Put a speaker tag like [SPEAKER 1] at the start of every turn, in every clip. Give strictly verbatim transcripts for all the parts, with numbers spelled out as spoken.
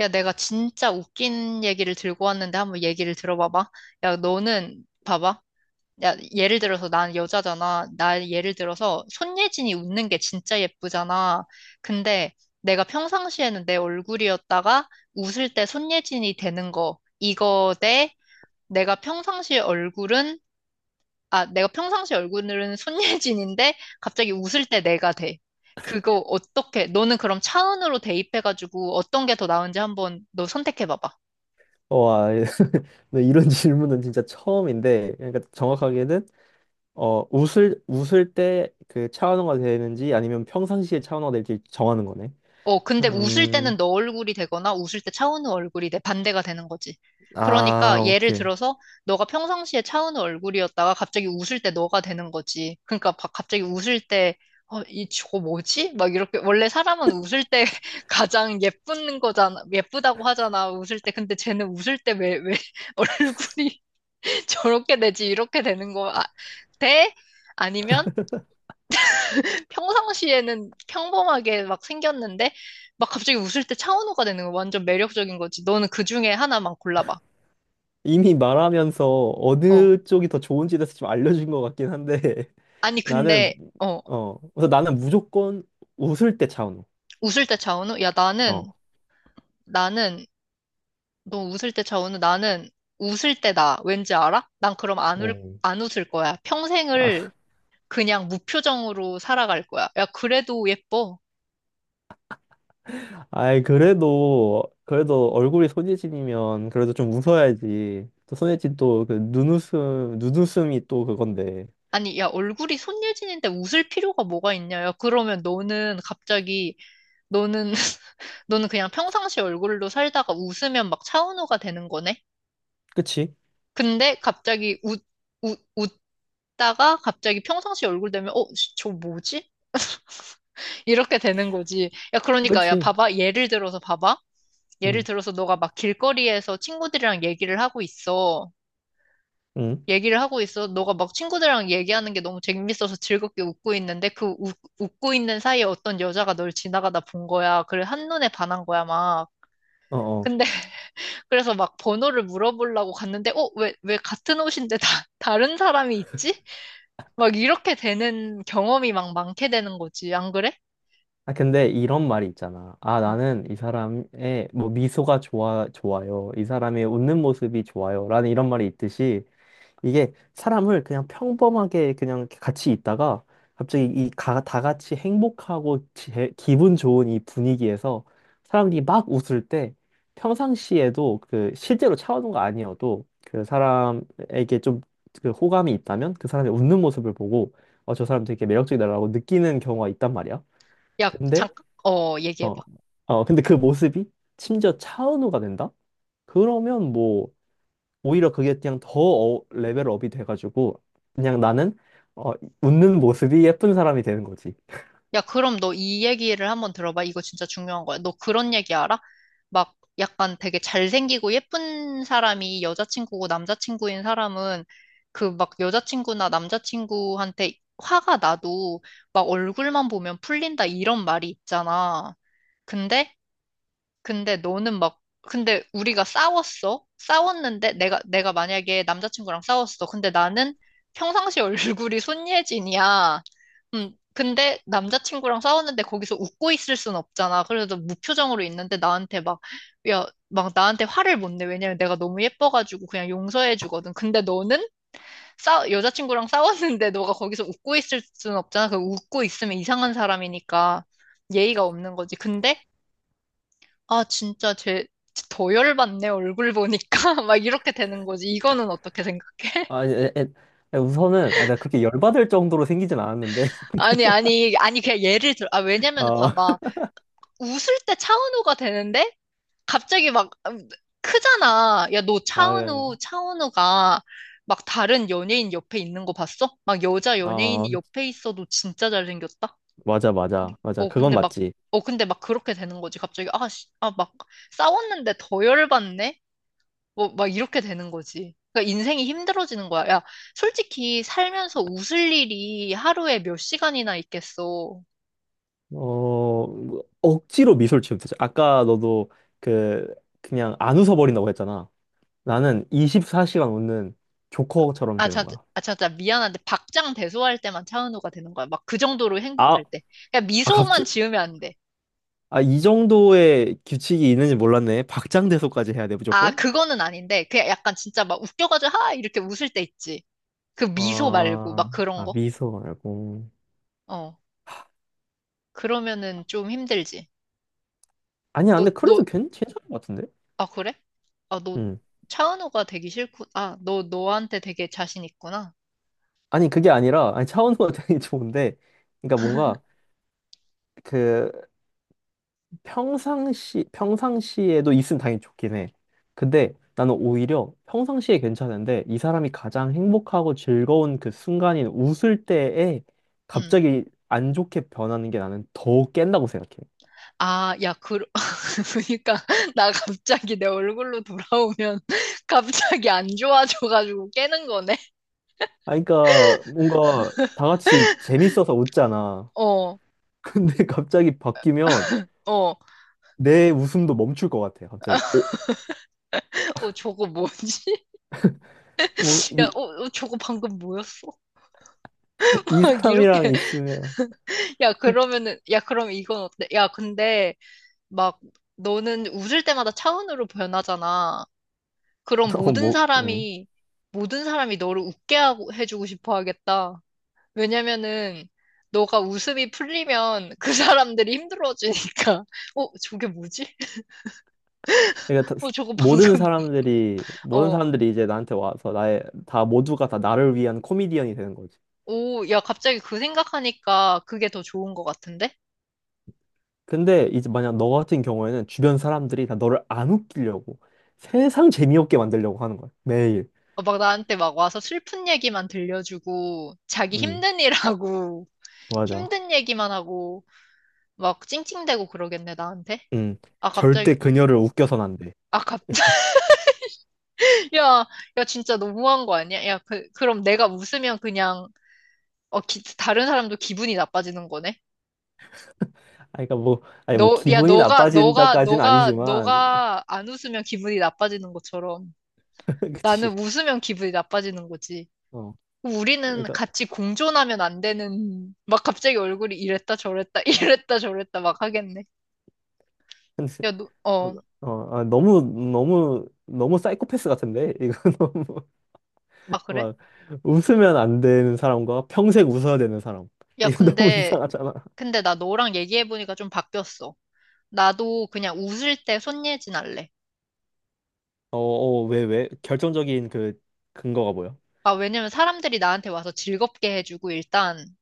[SPEAKER 1] 야, 내가 진짜 웃긴 얘기를 들고 왔는데 한번 얘기를 들어봐봐. 야, 너는 봐봐. 야, 예를 들어서 난 여자잖아. 나 예를 들어서 손예진이 웃는 게 진짜 예쁘잖아. 근데 내가 평상시에는 내 얼굴이었다가 웃을 때 손예진이 되는 거. 이거 대 내가 평상시 얼굴은 아, 내가 평상시 얼굴은 손예진인데 갑자기 웃을 때 내가 돼. 그거 어떻게? 너는 그럼 차은으로 대입해가지고 어떤 게 더 나은지 한번 너 선택해봐봐.
[SPEAKER 2] 어, 와, 네, 이런 질문은 진짜 처음인데. 그러니까 정확하게는, 어, 웃을, 웃을 때 그 차원화가 되는지 아니면 평상시에 차원화가 될지 정하는 거네.
[SPEAKER 1] 어, 근데 웃을
[SPEAKER 2] 음,
[SPEAKER 1] 때는 너 얼굴이 되거나 웃을 때 차은우 얼굴이 내 반대가 되는 거지.
[SPEAKER 2] 아,
[SPEAKER 1] 그러니까 예를
[SPEAKER 2] 오케이.
[SPEAKER 1] 들어서 너가 평상시에 차은우 얼굴이었다가 갑자기 웃을 때 너가 되는 거지. 그러니까 바- 갑자기 웃을 때 어, 이 저거 뭐지? 막 이렇게 원래 사람은 웃을 때 가장 예쁜 거잖아. 예쁘다고 하잖아. 웃을 때. 근데 쟤는 웃을 때 왜, 왜 얼굴이 저렇게 되지? 이렇게 되는 거 아, 돼? 아니면 평상시에는 평범하게 막 생겼는데 막 갑자기 웃을 때 차은우가 되는 거 완전 매력적인 거지. 너는 그 중에 하나만 골라봐.
[SPEAKER 2] 이미 말하면서
[SPEAKER 1] 어.
[SPEAKER 2] 어느 쪽이 더 좋은지에 대해서 좀 알려준 것 같긴 한데,
[SPEAKER 1] 아니
[SPEAKER 2] 나는,
[SPEAKER 1] 근데 어
[SPEAKER 2] 어, 그래서 나는 무조건 웃을 때 차원호.
[SPEAKER 1] 웃을 때 차은우? 야 나는
[SPEAKER 2] 어.
[SPEAKER 1] 나는 너 웃을 때 차은우? 나는 웃을 때 나. 왠지 알아? 난 그럼 안 울,
[SPEAKER 2] 어.
[SPEAKER 1] 안 웃을 거야. 평생을 그냥 무표정으로 살아갈 거야. 야 그래도 예뻐.
[SPEAKER 2] 아이, 그래도, 그래도 얼굴이 손예진이면 그래도 좀 웃어야지. 또 손예진 또 그 눈웃음, 눈웃음이 또 그건데.
[SPEAKER 1] 아니 야 얼굴이 손예진인데 웃을 필요가 뭐가 있냐? 야 그러면 너는 갑자기 너는 너는 그냥 평상시 얼굴로 살다가 웃으면 막 차은우가 되는 거네?
[SPEAKER 2] 그치?
[SPEAKER 1] 근데 갑자기 웃, 웃, 웃다가 갑자기 평상시 얼굴 되면, 어, 씨, 저 뭐지? 이렇게 되는 거지. 야, 그러니까, 야,
[SPEAKER 2] 그치?
[SPEAKER 1] 봐봐. 예를 들어서 봐봐. 예를
[SPEAKER 2] 응,
[SPEAKER 1] 들어서 너가 막 길거리에서 친구들이랑 얘기를 하고 있어.
[SPEAKER 2] 응,
[SPEAKER 1] 얘기를 하고 있어. 너가 막 친구들이랑 얘기하는 게 너무 재밌어서 즐겁게 웃고 있는데 그 웃, 웃고 있는 사이에 어떤 여자가 널 지나가다 본 거야. 그래, 한눈에 반한 거야, 막.
[SPEAKER 2] 어어.
[SPEAKER 1] 근데 그래서 막 번호를 물어보려고 갔는데, 어, 왜, 왜 같은 옷인데 다, 다른 사람이 있지? 막 이렇게 되는 경험이 막 많게 되는 거지. 안 그래?
[SPEAKER 2] 아, 근데 이런 말이 있잖아. 아, 나는 이 사람의 뭐 미소가 좋아, 좋아요. 이 사람의 웃는 모습이 좋아요, 라는 이런 말이 있듯이 이게 사람을 그냥 평범하게 그냥 이렇게 같이 있다가 갑자기 이 가, 다 같이 행복하고 제- 기분 좋은 이 분위기에서 사람들이 막 웃을 때, 평상시에도 그 실제로 차오는 거 아니어도 그 사람에게 좀 그 호감이 있다면 그 사람이 웃는 모습을 보고, 어, 저 사람 되게 매력적이다라고 느끼는 경우가 있단 말이야.
[SPEAKER 1] 야,
[SPEAKER 2] 근데
[SPEAKER 1] 잠깐, 어,
[SPEAKER 2] 어,
[SPEAKER 1] 얘기해봐.
[SPEAKER 2] 어, 근데 그 모습이 심지어 차은우가 된다? 그러면 뭐 오히려 그게 그냥 더 어- 레벨업이 돼가지고 그냥 나는, 어, 웃는 모습이 예쁜 사람이 되는 거지.
[SPEAKER 1] 야, 그럼 너 이 얘기를 한번 들어봐. 이거 진짜 중요한 거야. 너 그런 얘기 알아? 막 약간 되게 잘생기고 예쁜 사람이 여자친구고 남자친구인 사람은 그 막 여자친구나 남자친구한테 화가 나도 막 얼굴만 보면 풀린다 이런 말이 있잖아. 근데 근데 너는 막, 근데 우리가 싸웠어? 싸웠는데 내가, 내가 만약에 남자친구랑 싸웠어. 근데 나는 평상시 얼굴이 손예진이야. 음, 근데 남자친구랑 싸웠는데 거기서 웃고 있을 순 없잖아. 그래서 무표정으로 있는데 나한테 막, 야, 막 나한테 화를 못 내. 왜냐면 내가 너무 예뻐가지고 그냥 용서해 주거든. 근데 너는 싸, 여자친구랑 싸웠는데 너가 거기서 웃고 있을 순 없잖아. 그 웃고 있으면 이상한 사람이니까 예의가 없는 거지. 근데 아, 진짜 제, 더 열받네, 얼굴 보니까. 막 이렇게 되는 거지. 이거는 어떻게 생각해?
[SPEAKER 2] 아, 에, 에, 에, 우선은 아, 가 그렇게 열받을 정도로 생기진 않았는데.
[SPEAKER 1] 아니, 아니, 아니, 그냥 예를 들어. 아, 왜냐면
[SPEAKER 2] 아,
[SPEAKER 1] 봐봐. 웃을 때 차은우가 되는데, 갑자기 막, 음, 크잖아. 야, 너
[SPEAKER 2] 아,
[SPEAKER 1] 차은우, 차은우가 막 다른 연예인 옆에 있는 거 봤어? 막 여자
[SPEAKER 2] 아,
[SPEAKER 1] 연예인이 옆에 있어도 진짜 잘생겼다?
[SPEAKER 2] 맞아, 맞아, 맞아.
[SPEAKER 1] 어,
[SPEAKER 2] 그건
[SPEAKER 1] 근데 막,
[SPEAKER 2] 맞지.
[SPEAKER 1] 어, 근데 막 그렇게 되는 거지. 갑자기, 아, 씨, 아, 막 싸웠는데 더 열받네? 뭐, 막 이렇게 되는 거지. 그러니까 인생이 힘들어지는 거야. 야, 솔직히 살면서 웃을 일이 하루에 몇 시간이나 있겠어.
[SPEAKER 2] 어, 뭐, 억지로 미소를 지으면 되지. 아까 너도 그 그냥 안 웃어버린다고 했잖아. 나는 이십사 시간 웃는 조커처럼
[SPEAKER 1] 아,
[SPEAKER 2] 되는
[SPEAKER 1] 참,
[SPEAKER 2] 거야.
[SPEAKER 1] 아, 참, 참, 미안한데, 박장대소할 때만 차은우가 되는 거야. 막 그 정도로
[SPEAKER 2] 아,
[SPEAKER 1] 행복할 때. 그냥
[SPEAKER 2] 아, 갑자
[SPEAKER 1] 미소만 지으면 안 돼.
[SPEAKER 2] 아, 이 정도의 규칙이 있는지 몰랐네. 박장대소까지 해야 돼,
[SPEAKER 1] 아,
[SPEAKER 2] 무조건?
[SPEAKER 1] 그거는 아닌데, 그냥 약간 진짜 막 웃겨가지고, 하! 이렇게 웃을 때 있지. 그 미소 말고,
[SPEAKER 2] 아,
[SPEAKER 1] 막 그런
[SPEAKER 2] 아,
[SPEAKER 1] 거?
[SPEAKER 2] 미소 말고.
[SPEAKER 1] 어. 그러면은 좀 힘들지.
[SPEAKER 2] 아니야,
[SPEAKER 1] 너,
[SPEAKER 2] 근데 그래도
[SPEAKER 1] 너,
[SPEAKER 2] 괜, 괜찮은 것 같은데?
[SPEAKER 1] 아, 그래? 아, 너
[SPEAKER 2] 음.
[SPEAKER 1] 차은우가 되기 싫구, 아, 너, 너한테 되게 자신 있구나.
[SPEAKER 2] 아니, 그게 아니라, 아니, 차원호가 되게 좋은데, 그러니까 뭔가, 그, 평상시, 평상시에도 있으면 당연히 좋긴 해. 근데 나는 오히려 평상시에 괜찮은데, 이 사람이 가장 행복하고 즐거운 그 순간인 웃을 때에
[SPEAKER 1] 음.
[SPEAKER 2] 갑자기 안 좋게 변하는 게 나는 더 깬다고 생각해.
[SPEAKER 1] 아, 야, 그, 그러니까, 나 갑자기 내 얼굴로 돌아오면 갑자기 안 좋아져가지고 깨는 거네?
[SPEAKER 2] 아, 그러니까 뭔가 다 같이 재밌어서 웃잖아.
[SPEAKER 1] 어,
[SPEAKER 2] 근데 갑자기 바뀌면
[SPEAKER 1] 어.
[SPEAKER 2] 내 웃음도 멈출 것 같아. 갑자기. 어?
[SPEAKER 1] 어, 저거 뭐지?
[SPEAKER 2] 뭐,
[SPEAKER 1] 야,
[SPEAKER 2] 이,
[SPEAKER 1] 어, 어, 저거 방금 뭐였어?
[SPEAKER 2] 이
[SPEAKER 1] 막
[SPEAKER 2] 사람이랑
[SPEAKER 1] 이렇게,
[SPEAKER 2] 있으면.
[SPEAKER 1] 야, 그러면은, 야, 그럼 이건 어때? 야, 근데, 막, 너는 웃을 때마다 차은우로 변하잖아. 그럼
[SPEAKER 2] 어,
[SPEAKER 1] 모든
[SPEAKER 2] 뭐, 음.
[SPEAKER 1] 사람이, 모든 사람이 너를 웃게 하고, 해주고 싶어 하겠다. 왜냐면은 너가 웃음이 풀리면 그 사람들이 힘들어지니까 어 저게 뭐지?
[SPEAKER 2] 그러니까 다-
[SPEAKER 1] 어 저거 방금
[SPEAKER 2] 모든 사람들이, 모든
[SPEAKER 1] 어
[SPEAKER 2] 사람들이 이제 나한테 와서 나의, 다 모두가 다 나를 위한 코미디언이 되는 거지.
[SPEAKER 1] 오 야 갑자기 그 생각하니까 그게 더 좋은 것 같은데?
[SPEAKER 2] 근데 이제 만약 너 같은 경우에는 주변 사람들이 다 너를 안 웃기려고 세상 재미없게 만들려고 하는 거야. 매일.
[SPEAKER 1] 어, 막 나한테 막 와서 슬픈 얘기만 들려주고 자기
[SPEAKER 2] 음,
[SPEAKER 1] 힘든 일하고
[SPEAKER 2] 맞아.
[SPEAKER 1] 힘든 얘기만 하고 막 찡찡대고 그러겠네 나한테?
[SPEAKER 2] 음,
[SPEAKER 1] 아
[SPEAKER 2] 절대
[SPEAKER 1] 갑자기
[SPEAKER 2] 그녀를 웃겨선 안 돼.
[SPEAKER 1] 아 갑자기 야 야 진짜 너무한 거 아니야? 야 그, 그럼 내가 웃으면 그냥 어 기- 다른 사람도 기분이 나빠지는 거네?
[SPEAKER 2] 아니, 그러니까 뭐, 아니, 뭐,
[SPEAKER 1] 너, 야,
[SPEAKER 2] 기분이
[SPEAKER 1] 너가, 너가,
[SPEAKER 2] 나빠진다까지는
[SPEAKER 1] 너가,
[SPEAKER 2] 아니지만,
[SPEAKER 1] 너가 안 웃으면 기분이 나빠지는 것처럼 나는
[SPEAKER 2] 그치.
[SPEAKER 1] 웃으면 기분이 나빠지는 거지.
[SPEAKER 2] 어,
[SPEAKER 1] 우리는
[SPEAKER 2] 그러니까,
[SPEAKER 1] 같이 공존하면 안 되는, 막 갑자기 얼굴이 이랬다 저랬다, 이랬다 저랬다 막 하겠네.
[SPEAKER 2] 근데,
[SPEAKER 1] 야, 너, 어,
[SPEAKER 2] 어, 어, 아, 너무, 너무, 너무 사이코패스 같은데? 이거 너무,
[SPEAKER 1] 아, 그래?
[SPEAKER 2] 막, 웃으면 안 되는 사람과 평생 웃어야 되는 사람.
[SPEAKER 1] 야,
[SPEAKER 2] 이거 너무
[SPEAKER 1] 근데,
[SPEAKER 2] 이상하잖아.
[SPEAKER 1] 근데 나 너랑 얘기해보니까 좀 바뀌었어. 나도 그냥 웃을 때 손예진 할래.
[SPEAKER 2] 어, 어, 왜, 왜? 결정적인 그, 근거가 뭐야?
[SPEAKER 1] 아, 왜냐면 사람들이 나한테 와서 즐겁게 해주고 일단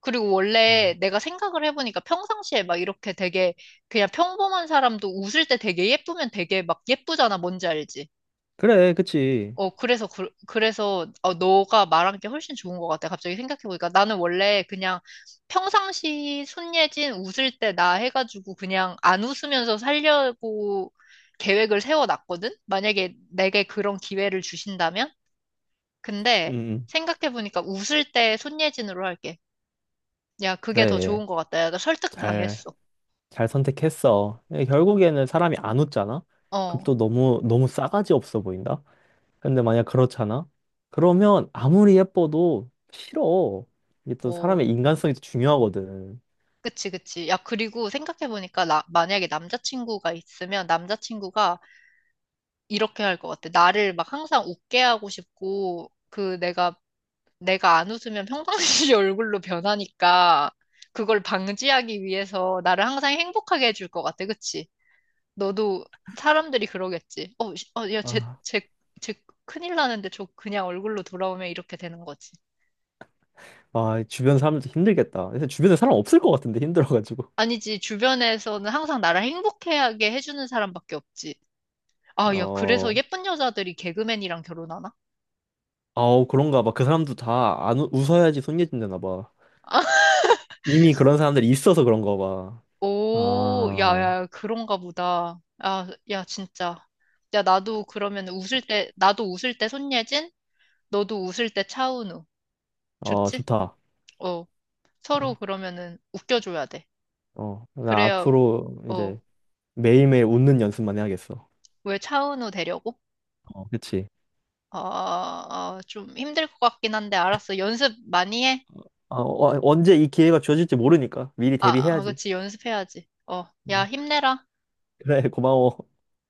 [SPEAKER 1] 그리고 원래
[SPEAKER 2] 음.
[SPEAKER 1] 내가 생각을 해보니까 평상시에 막 이렇게 되게 그냥 평범한 사람도 웃을 때 되게 예쁘면 되게 막 예쁘잖아. 뭔지 알지?
[SPEAKER 2] 그래, 그치.
[SPEAKER 1] 어, 그래서, 그, 그래서, 어, 너가 말한 게 훨씬 좋은 것 같아. 갑자기 생각해보니까. 나는 원래 그냥 평상시 손예진 웃을 때 나 해가지고 그냥 안 웃으면서 살려고 계획을 세워놨거든? 만약에 내게 그런 기회를 주신다면?
[SPEAKER 2] 음,
[SPEAKER 1] 근데
[SPEAKER 2] 음.
[SPEAKER 1] 생각해보니까 웃을 때 손예진으로 할게. 야, 그게 더
[SPEAKER 2] 그래.
[SPEAKER 1] 좋은 것 같다. 야, 나
[SPEAKER 2] 잘,
[SPEAKER 1] 설득당했어.
[SPEAKER 2] 잘 선택했어. 근데 결국에는 사람이 안 웃잖아? 그럼
[SPEAKER 1] 어,
[SPEAKER 2] 또 너무, 너무 싸가지 없어 보인다? 근데 만약 그렇잖아? 그러면 아무리 예뻐도 싫어. 이게 또
[SPEAKER 1] 어,
[SPEAKER 2] 사람의 인간성이 또 중요하거든.
[SPEAKER 1] 그치, 그치. 야, 그리고 생각해보니까, 나, 만약에 남자친구가 있으면 남자친구가 이렇게 할 것 같아. 나를 막 항상 웃게 하고 싶고, 그 내가, 내가 안 웃으면 평상시 얼굴로 변하니까, 그걸 방지하기 위해서 나를 항상 행복하게 해줄 것 같아. 그치? 너도 사람들이 그러겠지. 어, 씨, 어, 야, 쟤,
[SPEAKER 2] 아,
[SPEAKER 1] 쟤, 쟤 큰일 나는데 저 그냥 얼굴로 돌아오면 이렇게 되는 거지.
[SPEAKER 2] 아, 주변 사람들도 힘들겠다. 근데 주변에 사람 없을 것 같은데, 힘들어가지고.
[SPEAKER 1] 아니지, 주변에서는 항상 나를 행복하게 해주는 사람밖에 없지. 아, 야,
[SPEAKER 2] 어,
[SPEAKER 1] 그래서 예쁜 여자들이 개그맨이랑 결혼하나?
[SPEAKER 2] 아우, 그런가 봐. 그 사람도 다 안, 웃- 웃어야지 손예진되나 봐. 이미 그런 사람들이 있어서 그런가 봐.
[SPEAKER 1] 오, 야,
[SPEAKER 2] 아,
[SPEAKER 1] 야, 그런가 보다. 아, 야, 진짜. 야, 나도 그러면 웃을 때, 나도 웃을 때 손예진, 너도 웃을 때 차은우.
[SPEAKER 2] 어,
[SPEAKER 1] 좋지?
[SPEAKER 2] 좋다.
[SPEAKER 1] 어, 서로
[SPEAKER 2] 어,
[SPEAKER 1] 그러면은 웃겨줘야 돼.
[SPEAKER 2] 어. 나
[SPEAKER 1] 그래야,
[SPEAKER 2] 앞으로
[SPEAKER 1] 어,
[SPEAKER 2] 이제 매일매일 웃는 연습만 해야겠어.
[SPEAKER 1] 왜 차은우 되려고?
[SPEAKER 2] 어, 그치.
[SPEAKER 1] 아, 아, 좀 힘들 것 같긴 한데, 알았어. 연습 많이 해.
[SPEAKER 2] 어, 어, 언제 이 기회가 주어질지 모르니까 미리
[SPEAKER 1] 아, 아,
[SPEAKER 2] 대비해야지.
[SPEAKER 1] 그치, 연습해야지. 어, 야,
[SPEAKER 2] 어.
[SPEAKER 1] 힘내라.
[SPEAKER 2] 그래, 고마워.